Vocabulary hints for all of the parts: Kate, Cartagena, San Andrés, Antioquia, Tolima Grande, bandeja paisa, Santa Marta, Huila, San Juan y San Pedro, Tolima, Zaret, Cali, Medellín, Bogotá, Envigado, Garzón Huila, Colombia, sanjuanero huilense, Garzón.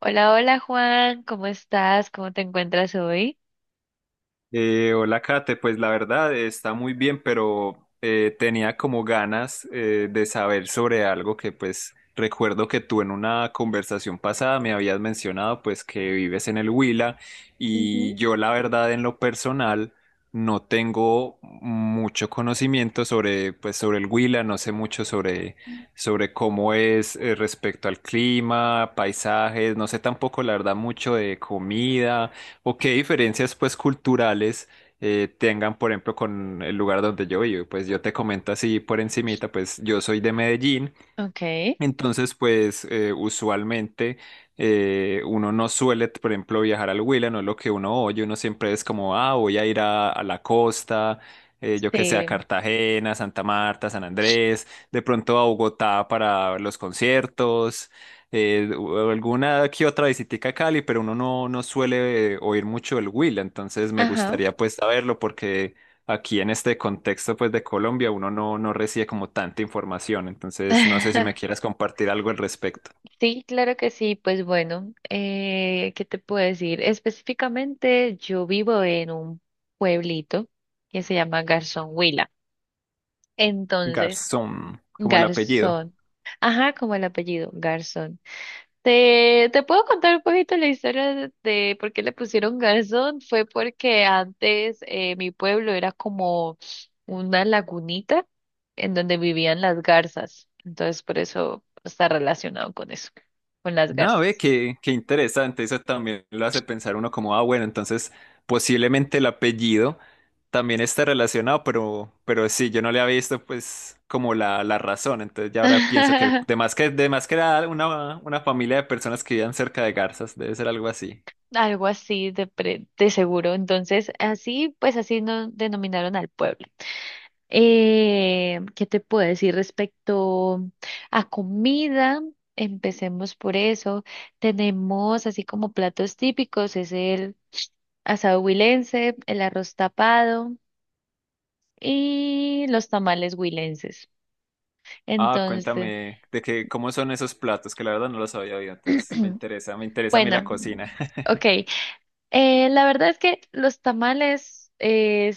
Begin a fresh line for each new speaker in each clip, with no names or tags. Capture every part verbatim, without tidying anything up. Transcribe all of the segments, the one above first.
Hola, hola Juan, ¿cómo estás? ¿Cómo te encuentras hoy?
Eh, hola Kate, pues la verdad está muy bien, pero eh, tenía como ganas eh, de saber sobre algo que pues recuerdo que tú en una conversación pasada me habías mencionado pues que vives en el Huila
Ujú.
y yo la verdad en lo personal no tengo mucho conocimiento sobre pues sobre el Huila, no sé mucho sobre sobre cómo es eh, respecto al clima, paisajes, no sé tampoco la verdad mucho de comida o qué diferencias pues culturales eh, tengan, por ejemplo, con el lugar donde yo vivo. Pues yo te comento así por encimita, pues yo soy de Medellín.
Ok,
Entonces, pues eh, usualmente eh, uno no suele, por ejemplo, viajar al Huila, no es lo que uno oye, uno siempre es como, ah, voy a ir a, a la costa, eh, yo que sé, a
sí,
Cartagena, Santa Marta, San Andrés, de pronto a Bogotá para los conciertos, eh, o alguna que otra visitica a Cali, pero uno no, no suele eh, oír mucho el Huila, entonces me
ajá.
gustaría pues saberlo porque aquí en este contexto pues de Colombia uno no, no recibe como tanta información, entonces no sé si me quieras compartir algo al respecto.
Sí, claro que sí. Pues bueno, eh, ¿qué te puedo decir? Específicamente, yo vivo en un pueblito que se llama Garzón Huila. Entonces,
Garzón, como el apellido.
Garzón, ajá, como el apellido, Garzón. Te, te puedo contar un poquito la historia de, de por qué le pusieron garzón. Fue porque antes eh, mi pueblo era como una lagunita en donde vivían las garzas. Entonces, por eso está relacionado con eso, con las
No, ve,
garzas.
qué, qué interesante, eso también lo hace pensar uno como, ah, bueno, entonces posiblemente el apellido también está relacionado, pero, pero sí, yo no le había visto pues como la, la razón, entonces ya ahora pienso que de más que, de más que era una, una familia de personas que vivían cerca de garzas, debe ser algo así.
Algo así de, pre- de seguro. Entonces, así, pues así no denominaron al pueblo. Eh, ¿qué te puedo decir respecto a comida? Empecemos por eso. Tenemos así como platos típicos, es el asado huilense, el arroz tapado y los tamales huilenses.
Ah,
Entonces,
cuéntame de que cómo son esos platos, que la verdad no los había oído, entonces me interesa, me interesa a mí la
bueno,
cocina.
ok. Eh, la verdad es que los tamales eh,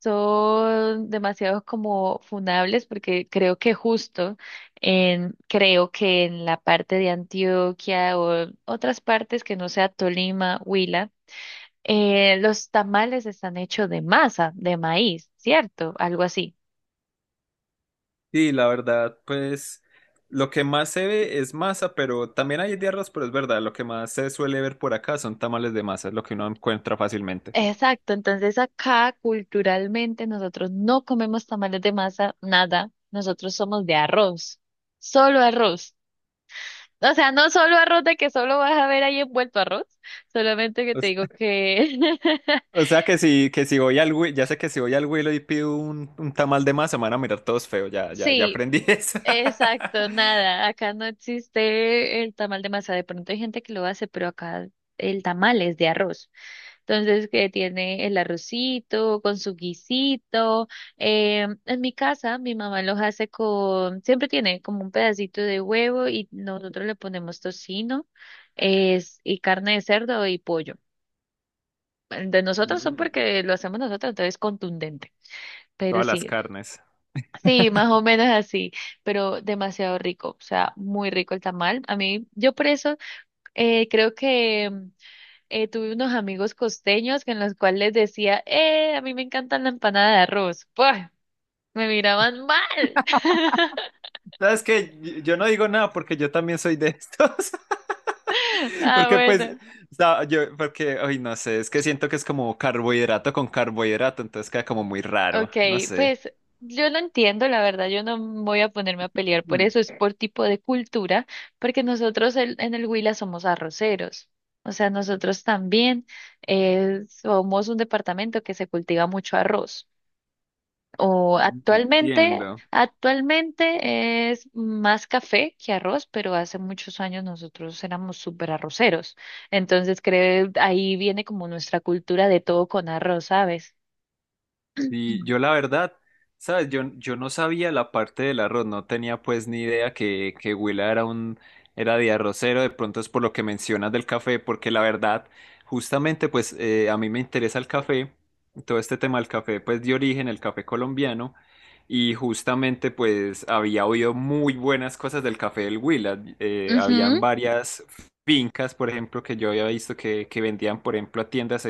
son demasiado como funables porque creo que justo en, creo que en la parte de Antioquia o en otras partes que no sea Tolima, Huila, eh, los tamales están hechos de masa, de maíz, ¿cierto? Algo así.
Sí, la verdad, pues lo que más se ve es masa, pero también hay de arroz, pero es verdad, lo que más se suele ver por acá son tamales de masa, es lo que uno encuentra fácilmente.
Exacto, entonces acá culturalmente nosotros no comemos tamales de masa, nada, nosotros somos de arroz, solo arroz. O sea, no solo arroz de que solo vas a ver ahí envuelto arroz, solamente que
O,
te
s-
digo que
o sea que si, que si voy al Wi- ya sé que si voy al Willow y pido un, un tamal de masa, me van a mirar todos feos, ya, ya, ya
sí,
aprendí eso.
exacto, nada, acá no existe el tamal de masa, de pronto hay gente que lo hace, pero acá el tamal es de arroz, entonces que tiene el arrocito con su guisito, eh, en mi casa mi mamá los hace con, siempre tiene como un pedacito de huevo y nosotros le ponemos tocino, es, y carne de cerdo y pollo. De nosotros son
Mm,
porque lo hacemos nosotros, entonces es contundente. Pero
Todas las
sí,
carnes.
sí, más o menos así, pero demasiado rico, o sea, muy rico el tamal. A mí, yo por eso eh, creo que mm, eh, tuve unos amigos costeños que en los cuales les decía, eh, a mí me encanta la empanada de arroz. Pues, me miraban mal.
¿Sabes que Yo yo no digo nada porque yo también soy de estos.
Ah,
Porque pues,
bueno.
o sea, yo, porque, ay, no sé, es que siento que es como carbohidrato con carbohidrato, entonces queda como muy raro,
Ok,
no sé.
pues yo lo entiendo, la verdad, yo no me voy a ponerme a pelear por
Mm,
eso, es por tipo de cultura, porque nosotros el- en el Huila somos arroceros, o sea, nosotros también eh, somos un departamento que se cultiva mucho arroz, o actualmente,
Entiendo.
actualmente es más café que arroz, pero hace muchos años nosotros éramos súper arroceros, entonces creo ahí viene como nuestra cultura de todo con arroz, ¿sabes?
Y
Mm.
yo la verdad, sabes, yo, yo no sabía la parte del arroz, no tenía pues ni idea que, que Huila era un, era de arrocero, de pronto es por lo que mencionas del café, porque la verdad, justamente pues eh, a mí me interesa el café, todo este tema del café pues de origen, el café colombiano, y justamente pues había oído muy buenas cosas del café del Huila, eh,
Ujú,
habían varias fincas, por ejemplo, que yo había visto que, que vendían, por ejemplo, a tiendas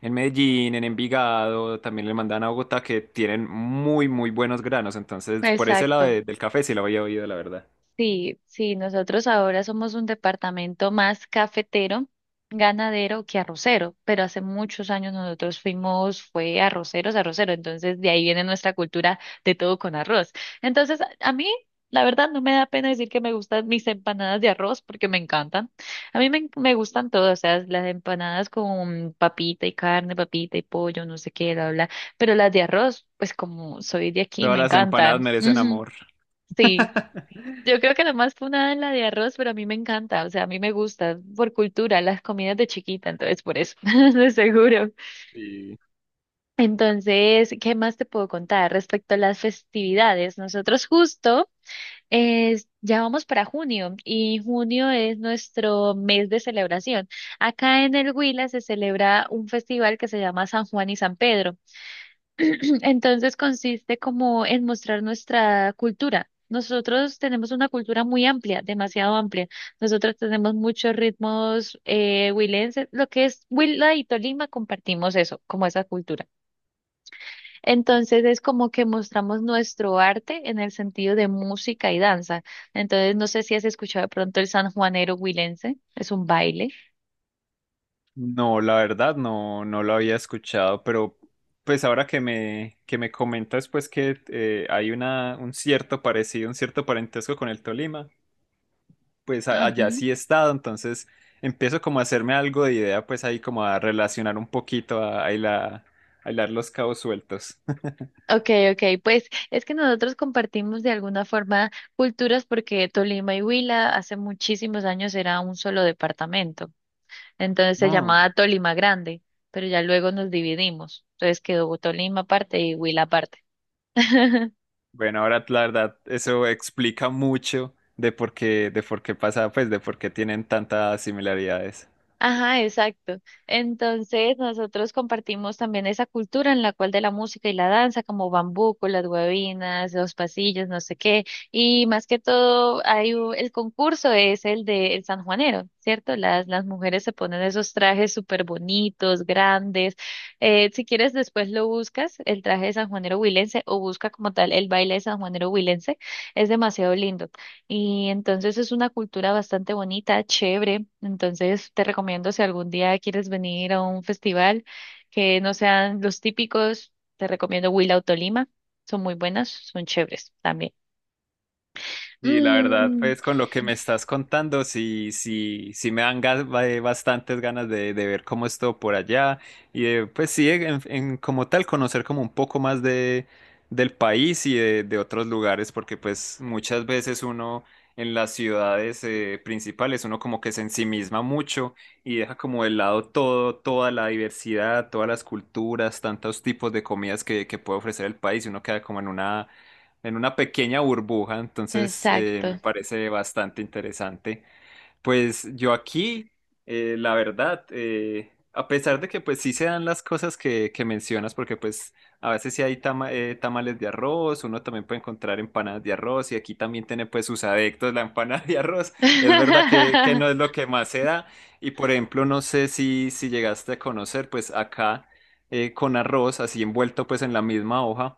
en Medellín, en Envigado, también le mandan a Bogotá que tienen muy, muy buenos granos. Entonces, por ese lado
exacto.
de- del café sí lo había oído, la verdad.
Sí, sí, nosotros ahora somos un departamento más cafetero, ganadero que arrocero, pero hace muchos años nosotros fuimos, fue arroceros, arrocero, entonces de ahí viene nuestra cultura de todo con arroz. Entonces, a a mí, la verdad, no me da pena decir que me gustan mis empanadas de arroz porque me encantan. A mí me, me gustan todas, o sea, las empanadas con papita y carne, papita y pollo, no sé qué, bla, bla, bla, pero las de arroz, pues como soy de aquí,
Todas
me
las
encantan.
empanadas merecen
Ujú,
amor.
sí. Yo creo que la más funada es la de arroz, pero a mí me encanta, o sea, a mí me gusta por cultura, las comidas de chiquita, entonces por eso, de seguro.
Y
Entonces, ¿qué más te puedo contar respecto a las festividades? Nosotros justo eh, ya vamos para junio y junio es nuestro mes de celebración. Acá en el Huila se celebra un festival que se llama San Juan y San Pedro. Entonces consiste como en mostrar nuestra cultura. Nosotros tenemos una cultura muy amplia, demasiado amplia. Nosotros tenemos muchos ritmos eh, huilenses. Lo que es Huila y Tolima compartimos eso, como esa cultura. Entonces es como que mostramos nuestro arte en el sentido de música y danza. Entonces no sé si has escuchado de pronto el sanjuanero huilense, es un baile.
no, la verdad no, no lo había escuchado, pero pues ahora que me, que me comentas pues que eh, hay una, un cierto parecido, un cierto parentesco con el Tolima, pues a- allá sí he estado, entonces empiezo como a hacerme algo de idea, pues ahí como a relacionar un poquito, a, a hilar, a hilar los cabos sueltos.
Okay, okay, pues es que nosotros compartimos de alguna forma culturas porque Tolima y Huila hace muchísimos años era un solo departamento, entonces se
No.
llamaba Tolima Grande, pero ya luego nos dividimos, entonces quedó Tolima aparte y Huila aparte.
Bueno, ahora la verdad, eso explica mucho de por qué, de por qué pasa, pues de por qué tienen tantas similaridades.
Ajá, exacto. Entonces, nosotros compartimos también esa cultura en la cual de la música y la danza, como bambuco, las huevinas, los pasillos, no sé qué. Y más que todo, hay u- el concurso es el de el sanjuanero, ¿cierto? Las, las mujeres se ponen esos trajes súper bonitos, grandes. Eh, si quieres, después lo buscas, el traje de sanjuanero huilense, o busca como tal el baile de sanjuanero huilense. Es demasiado lindo. Y entonces es una cultura bastante bonita, chévere. Entonces te recomiendo si algún día quieres venir a un festival que no sean los típicos, te recomiendo Huila o Tolima. Son muy buenas, son chéveres también.
Y la verdad,
Mm,
pues con lo que me estás contando, sí, sí, sí me dan gas- ba- eh, bastantes ganas de, de ver cómo es todo por allá y de, pues sí, en, en- como tal, conocer como un poco más de, del país y de, de otros lugares, porque pues muchas veces uno en las ciudades eh, principales, uno como que se ensimisma mucho y deja como de lado todo, toda la diversidad, todas las culturas, tantos tipos de comidas que, que puede ofrecer el país y uno queda como en una en una pequeña burbuja, entonces eh,
exacto.
me parece bastante interesante. Pues yo aquí, eh, la verdad, eh, a pesar de que pues sí se dan las cosas que, que mencionas, porque pues a veces sí hay tama- eh, tamales de arroz, uno también puede encontrar empanadas de arroz y aquí también tiene pues sus adeptos la empanada de arroz. Es verdad que, que no es lo que más se da y por ejemplo, no sé si, si llegaste a conocer pues acá eh, con arroz así envuelto pues en la misma hoja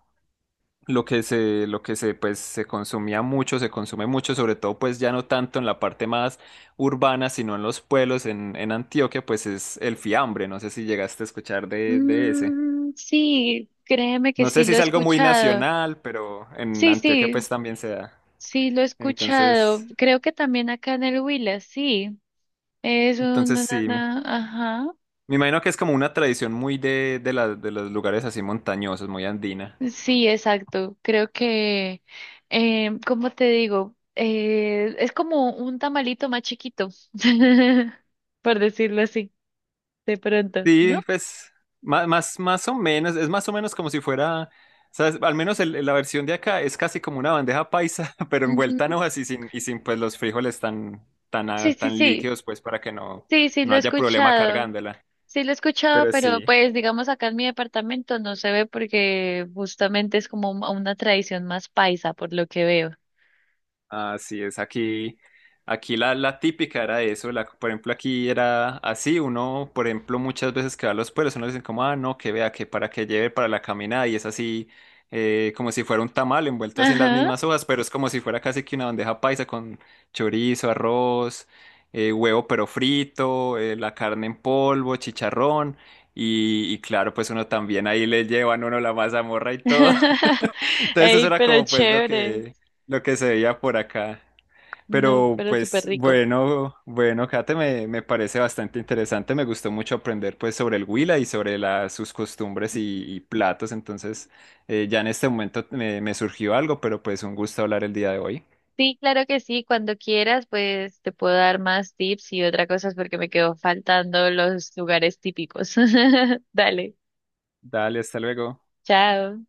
lo que se, lo que se, pues, se consumía mucho, se consume mucho, sobre todo, pues, ya no tanto en la parte más urbana, sino en los pueblos, en, en Antioquia, pues, es el fiambre. No sé si llegaste a escuchar de, de ese.
Mm, sí, créeme que
No
sí
sé si
lo he
es algo muy
escuchado.
nacional, pero en
Sí,
Antioquia,
sí,
pues, también se da.
sí lo he escuchado.
Entonces,
Creo que también acá en el Huila, sí. Es un
entonces
na, na,
sí, me
na, ajá.
me imagino que es como una tradición muy de, de la- de los lugares así montañosos, muy andina.
Sí, exacto. Creo que, eh, ¿cómo te digo? Eh, es como un tamalito más chiquito, por decirlo así, de pronto,
Sí,
¿no?
pues ma- más, más, o menos, es más o menos como si fuera, ¿sabes? Al menos el- la versión de acá es casi como una bandeja paisa, pero
Ujú.
envuelta en hojas y sin, y sin pues los frijoles tan, tan,
Sí,
ah,
sí,
tan
sí.
líquidos, pues para que no,
Sí, sí,
no
lo he
haya problema
escuchado.
cargándola.
Sí, lo he escuchado,
Pero
pero
sí.
pues digamos acá en mi departamento no se ve porque justamente es como un- una tradición más paisa, por lo que veo.
Así es, aquí, aquí la, la típica era eso, la, por ejemplo, aquí era así, uno, por ejemplo, muchas veces que va a los pueblos, uno dice como, ah, no, que vea, que para que lleve para la caminada, y es así, eh, como si fuera un tamal envuelto así en las
Ajá.
mismas hojas, pero es como si fuera casi que una bandeja paisa con chorizo, arroz, eh, huevo pero frito, eh, la carne en polvo, chicharrón, y, y claro, pues uno también ahí le llevan uno la mazamorra y todo, entonces eso
Ey,
era
pero
como pues lo
chévere.
que, lo que se veía por acá.
No,
Pero
pero súper
pues
rico.
bueno, bueno, Kate, me, me parece bastante interesante. Me gustó mucho aprender pues sobre el Huila y sobre la- sus costumbres y, y platos. Entonces, eh, ya en este momento me, me surgió algo, pero pues un gusto hablar el día de hoy.
Sí, claro que sí, cuando quieras, pues te puedo dar más tips y otra cosa es porque me quedó faltando los lugares típicos. Dale,
Dale, hasta luego.
chao.